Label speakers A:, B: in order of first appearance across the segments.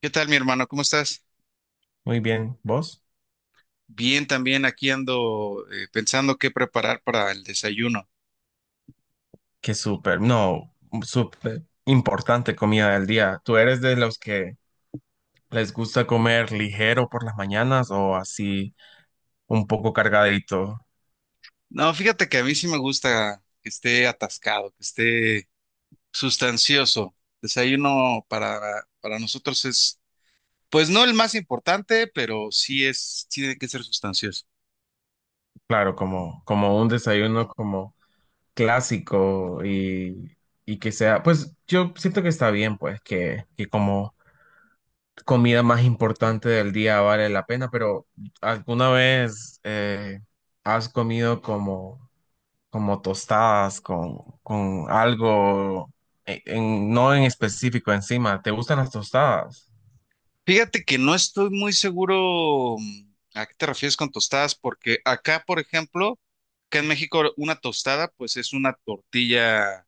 A: ¿Qué tal, mi hermano? ¿Cómo estás?
B: Muy bien, ¿vos?
A: Bien, también aquí ando, pensando qué preparar para el desayuno.
B: Qué súper, no, súper importante comida del día. ¿Tú eres de los que les gusta comer ligero por las mañanas o así un poco cargadito?
A: No, fíjate que a mí sí me gusta que esté atascado, que esté sustancioso. Desayuno para nosotros es, pues no el más importante, pero sí es, sí tiene que ser sustancioso.
B: Claro, como un desayuno como clásico y que sea, pues yo siento que está bien, pues que como comida más importante del día vale la pena, pero ¿alguna vez has comido como... como tostadas con algo no en específico encima? ¿Te gustan las tostadas?
A: Fíjate que no estoy muy seguro, a qué te refieres con tostadas, porque acá, por ejemplo, acá en México, una tostada, pues es una tortilla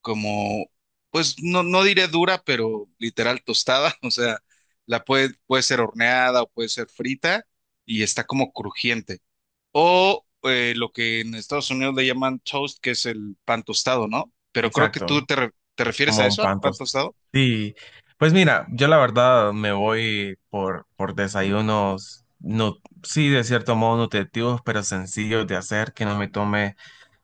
A: como, pues no, no diré dura, pero literal tostada, o sea, la puede, puede ser horneada o puede ser frita y está como crujiente. O lo que en Estados Unidos le llaman toast, que es el pan tostado, ¿no? Pero creo que tú
B: Exacto,
A: te, te refieres a
B: como un
A: eso, al
B: pan
A: pan
B: tostado.
A: tostado.
B: Sí, pues mira, yo la verdad me voy por desayunos, no, sí, de cierto modo nutritivos, pero sencillos de hacer, que no me tome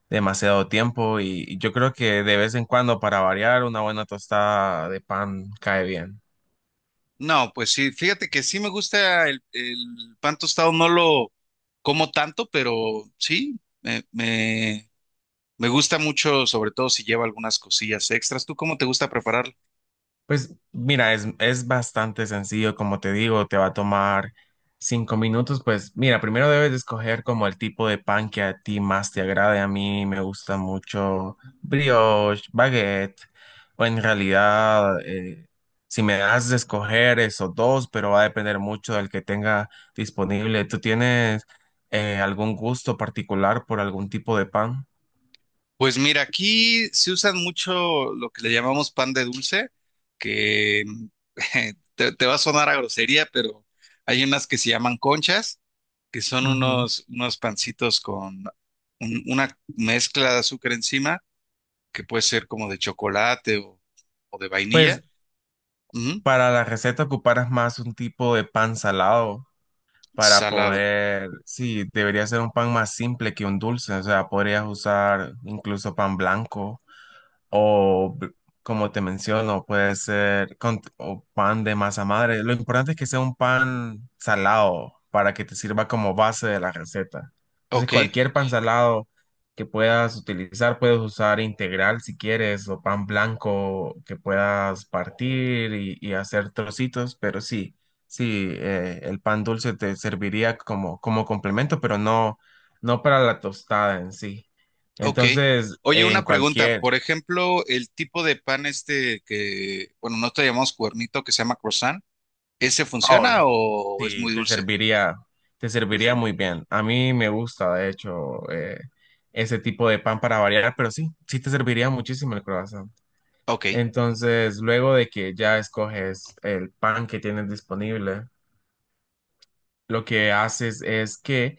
B: demasiado tiempo y yo creo que de vez en cuando para variar una buena tostada de pan cae bien.
A: No, pues sí, fíjate que sí me gusta el pan tostado, no lo como tanto, pero sí, me, me gusta mucho, sobre todo si lleva algunas cosillas extras. ¿Tú cómo te gusta prepararlo?
B: Pues mira, es bastante sencillo, como te digo, te va a tomar 5 minutos. Pues mira, primero debes de escoger como el tipo de pan que a ti más te agrade. A mí me gusta mucho brioche, baguette, o en realidad, si me das de escoger esos dos, pero va a depender mucho del que tenga disponible. ¿Tú tienes algún gusto particular por algún tipo de pan?
A: Pues mira, aquí se usan mucho lo que le llamamos pan de dulce, que te va a sonar a grosería, pero hay unas que se llaman conchas, que son
B: Ujú.
A: unos pancitos con una mezcla de azúcar encima, que puede ser como de chocolate o de
B: Pues
A: vainilla. Ujú,
B: para la receta ocuparás más un tipo de pan salado. Para
A: salado.
B: poder, sí, debería ser un pan más simple que un dulce, o sea, podrías usar incluso pan blanco o b- como te menciono, puede ser con, o pan de masa madre. Lo importante es que sea un pan salado para que te sirva como base de la receta. Entonces,
A: Ok.
B: cualquier pan salado que puedas utilizar, puedes usar integral si quieres, o pan blanco que puedas partir y hacer trocitos, pero sí. Sí, el pan dulce te serviría como, como complemento, pero no, no para la tostada en sí.
A: Ok.
B: Entonces,
A: Oye,
B: en
A: una pregunta.
B: cualquier,
A: Por ejemplo, el tipo de pan este que, bueno, no te llamamos cuernito, que se llama croissant, ¿ese funciona
B: Oh,
A: o es
B: sí,
A: muy dulce?
B: te
A: Te
B: serviría
A: serviré.
B: muy bien. A mí me gusta, de hecho, ese tipo de pan para variar, pero sí, sí te serviría muchísimo el croissant.
A: Ok.
B: Entonces, luego de que ya escoges el pan que tienes disponible, lo que haces es que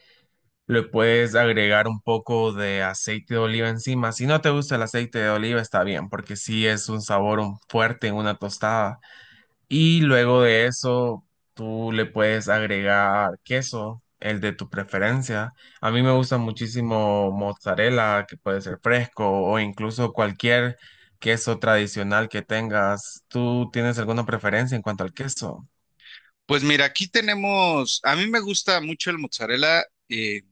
B: le puedes agregar un poco de aceite de oliva encima. Si no te gusta el aceite de oliva, está bien, porque sí es un sabor fuerte en una tostada y luego de eso, tú le puedes agregar queso, el de tu preferencia. A mí me gusta muchísimo mozzarella, que puede ser fresco o incluso cualquier queso tradicional que tengas. ¿Tú tienes alguna preferencia en cuanto al queso?
A: Pues mira, aquí tenemos, a mí me gusta mucho el mozzarella, eh,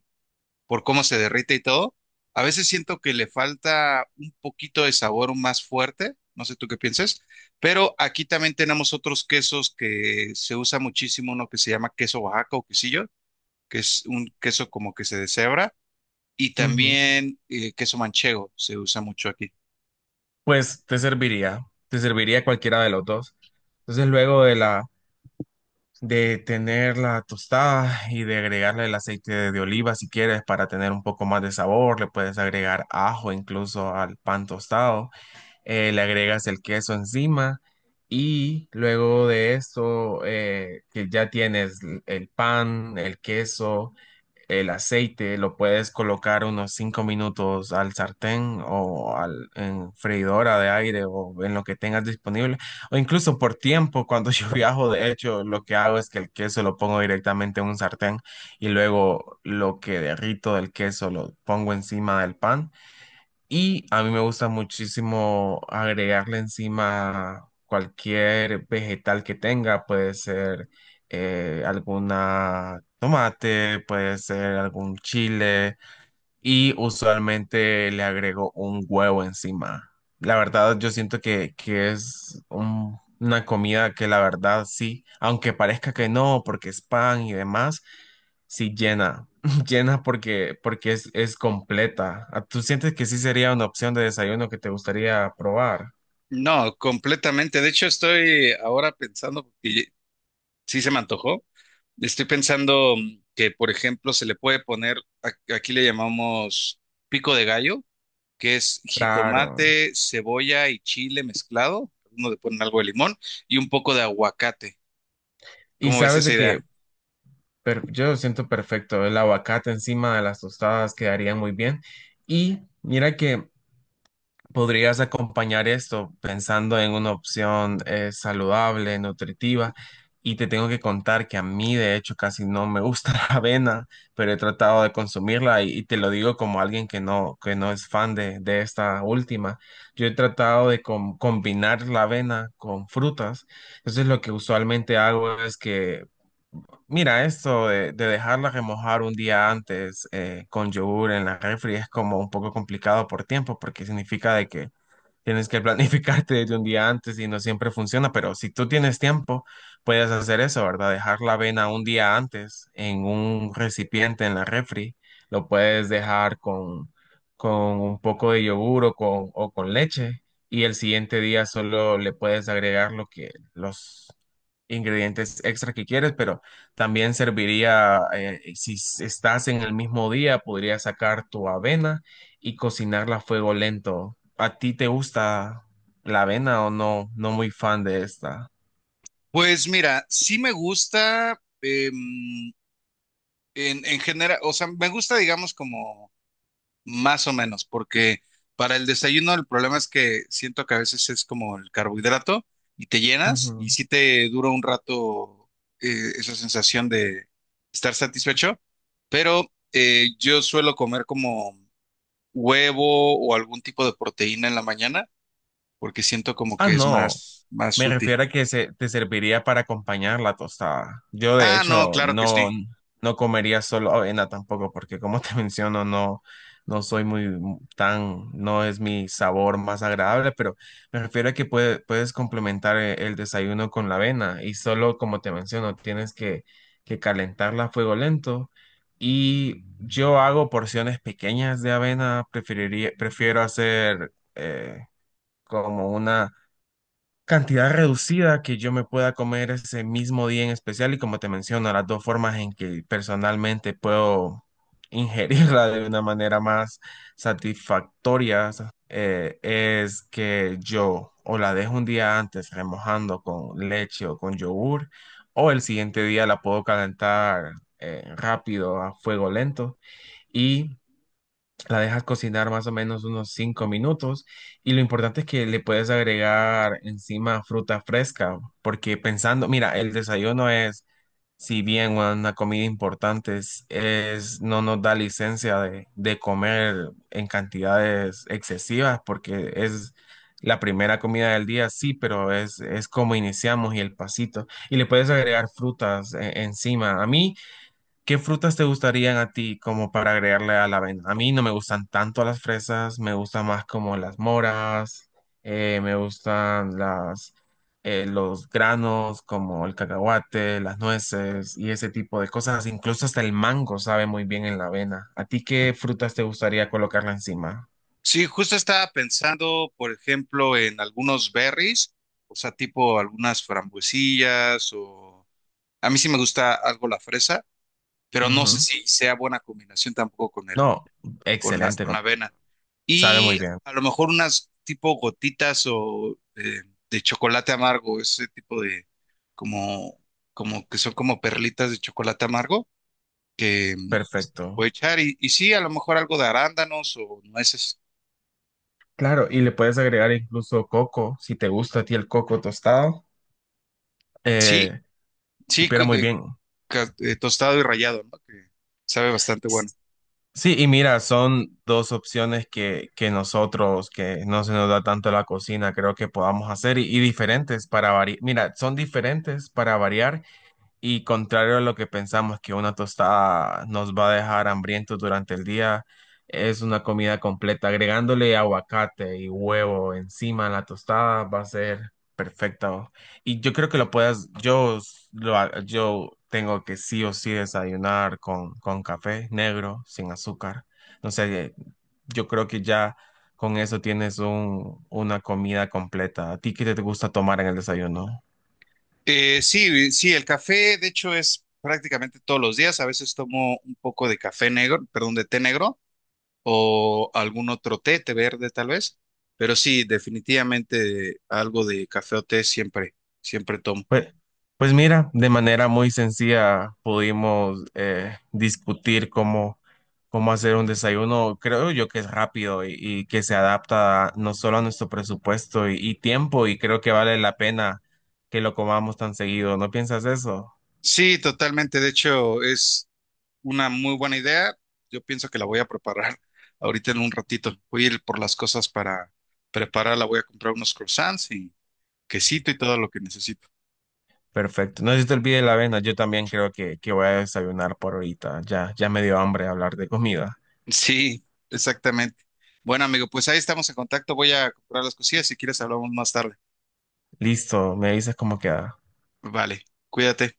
A: por cómo se derrite y todo. A veces siento que le falta un poquito de sabor más fuerte, no sé tú qué pienses, pero aquí también tenemos otros quesos que se usa muchísimo, uno que se llama queso Oaxaca o quesillo, que es un queso como que se deshebra y
B: Ujú.
A: también, queso manchego se usa mucho aquí.
B: Pues te serviría cualquiera de los dos. Entonces, luego de la de tener la tostada y de agregarle el aceite de oliva si quieres para tener un poco más de sabor, le puedes agregar ajo incluso al pan tostado. Le agregas el queso encima y luego de esto que ya tienes el pan, el queso. El aceite lo puedes colocar unos 5 minutos al sartén o al, en freidora de aire o en lo que tengas disponible. O incluso por tiempo, cuando yo viajo, de hecho, lo que hago es que el queso lo pongo directamente en un sartén y luego lo que derrito del queso lo pongo encima del pan y a mí me gusta muchísimo agregarle encima cualquier vegetal que tenga, puede ser alguna tomate, puede ser algún chile y usualmente le agrego un huevo encima. La verdad, yo siento que es una comida que la verdad sí, aunque parezca que no, porque es pan y demás, sí llena, llena porque es completa. Ah, ¿tú sientes que sí sería una opción de desayuno que te gustaría probar?
A: No, completamente. De hecho, estoy ahora pensando, porque sí se me antojó. Estoy pensando, que, por ejemplo, se le puede poner, aquí le llamamos pico de gallo, que es
B: Claro.
A: jitomate, cebolla y chile mezclado. Uno le ponen algo de limón y un poco de aguacate.
B: Y
A: ¿Cómo ves
B: sabes
A: esa
B: de que
A: idea?
B: yo lo siento perfecto, el aguacate encima de las tostadas quedaría muy bien. Y mira que podrías acompañar esto pensando en una opción saludable, nutritiva. Y te tengo que contar que a mí, de hecho, casi no me gusta la avena, pero he tratado de consumirla y te lo digo como alguien que no es fan de esta última. Yo he tratado de combinar la avena con frutas. Entonces, lo que usualmente hago es que mira, esto de dejarla remojar un día antes con yogur en la refri es como un poco complicado por tiempo, porque significa de que tienes que planificarte desde un día antes y no siempre funciona, pero si tú tienes tiempo, puedes hacer eso, ¿verdad? Dejar la avena un día antes en un recipiente en la refri. Lo puedes dejar con un poco de yogur o con leche y el siguiente día solo le puedes agregar lo que los ingredientes extra que quieres, pero también serviría, si estás en el mismo día, podrías sacar tu avena y cocinarla a fuego lento. ¿A ti te gusta la avena o no? No muy fan de esta.
A: Pues mira, sí me gusta, en general, o sea, me gusta, digamos, como más o menos, porque para el desayuno el problema es que siento que a veces es como el carbohidrato y te llenas y
B: Ujú.
A: sí te dura un rato, esa sensación de estar satisfecho, pero yo suelo comer como huevo o algún tipo de proteína en la mañana porque siento como
B: Ah,
A: que es
B: no.
A: más, más
B: Me
A: útil.
B: refiero a que se, te serviría para acompañar la tostada. Yo, de
A: Ah, no,
B: hecho,
A: claro que
B: no,
A: sí.
B: no comería solo avena tampoco, porque como te menciono, no, no soy muy tan, no es mi sabor más agradable, pero me refiero a que puedes complementar desayuno con la avena y solo, como te menciono, tienes que calentarla a fuego lento. Y yo hago porciones pequeñas de avena, preferiría, prefiero hacer como una cantidad reducida que yo me pueda comer ese mismo día en especial y como te menciono, las dos formas en que personalmente puedo ingerirla de una manera más satisfactoria es que yo o la dejo un día antes remojando con leche o con yogur o el siguiente día la puedo calentar rápido a fuego lento y la dejas cocinar más o menos unos 5 minutos y lo importante es que le puedes agregar encima fruta fresca, porque pensando, mira, el desayuno es, si bien una comida importante, es, no nos da licencia de comer en cantidades excesivas, porque es la primera comida del día, sí, pero es como iniciamos y el pasito. Y le puedes agregar frutas encima. A mí, ¿qué frutas te gustarían a ti como para agregarle a la avena? A mí no me gustan tanto las fresas, me gustan más como las moras, me gustan las, los granos como el cacahuate, las nueces y ese tipo de cosas. Incluso hasta el mango sabe muy bien en la avena. ¿A ti qué frutas te gustaría colocarla encima?
A: Sí, justo estaba pensando, por ejemplo, en algunos berries, o sea, tipo algunas frambuesillas o a mí sí me gusta algo la fresa, pero no sé
B: Ujú.
A: si sea buena combinación tampoco con el,
B: No, excelente,
A: con la avena.
B: sabe
A: Y
B: muy bien.
A: a lo mejor unas tipo gotitas o, de chocolate amargo, ese tipo de como, como que son como perlitas de chocolate amargo que,
B: Perfecto.
A: este, puedo echar. Y sí, a lo mejor algo de arándanos o nueces.
B: Claro, y le puedes agregar incluso coco, si te gusta a ti el coco tostado.
A: Sí, sí,
B: Supiera muy bien.
A: tostado y rallado, ¿no? Que sabe bastante bueno.
B: Sí, y mira, son dos opciones que nosotros, que no se nos da tanto la cocina, creo que podamos hacer y diferentes para variar. Mira, son diferentes para variar y contrario a lo que pensamos que una tostada nos va a dejar hambrientos durante el día, es una comida completa. Agregándole aguacate y huevo encima a la tostada va a ser perfecto. Y yo creo que lo puedas, yo, yo tengo que sí o sí desayunar con café negro, sin azúcar. No sé, yo creo que ya con eso tienes un, una comida completa. ¿A ti qué te gusta tomar en el desayuno?
A: Sí, sí, el café, de hecho, es prácticamente todos los días. A veces tomo un poco de café negro, perdón, de té negro o algún otro té, té verde tal vez. Pero sí, definitivamente algo de café o té siempre, siempre tomo.
B: Pues, pues mira, de manera muy sencilla pudimos discutir cómo, cómo hacer un desayuno, creo yo que es rápido y que se adapta no solo a nuestro presupuesto y tiempo, y creo que vale la pena que lo comamos tan seguido. ¿No piensas eso?
A: Sí, totalmente. De hecho, es una muy buena idea. Yo pienso que la voy a preparar ahorita en un ratito. Voy a ir por las cosas para prepararla. Voy a comprar unos croissants y quesito y todo lo que necesito.
B: Perfecto. No se te olvide la avena, yo también creo que voy a desayunar por ahorita. Ya, ya me dio hambre hablar de comida.
A: Sí, exactamente. Bueno, amigo, pues ahí estamos en contacto. Voy a comprar las cosillas. Si quieres, hablamos más tarde.
B: Listo, me dices cómo queda.
A: Vale, cuídate.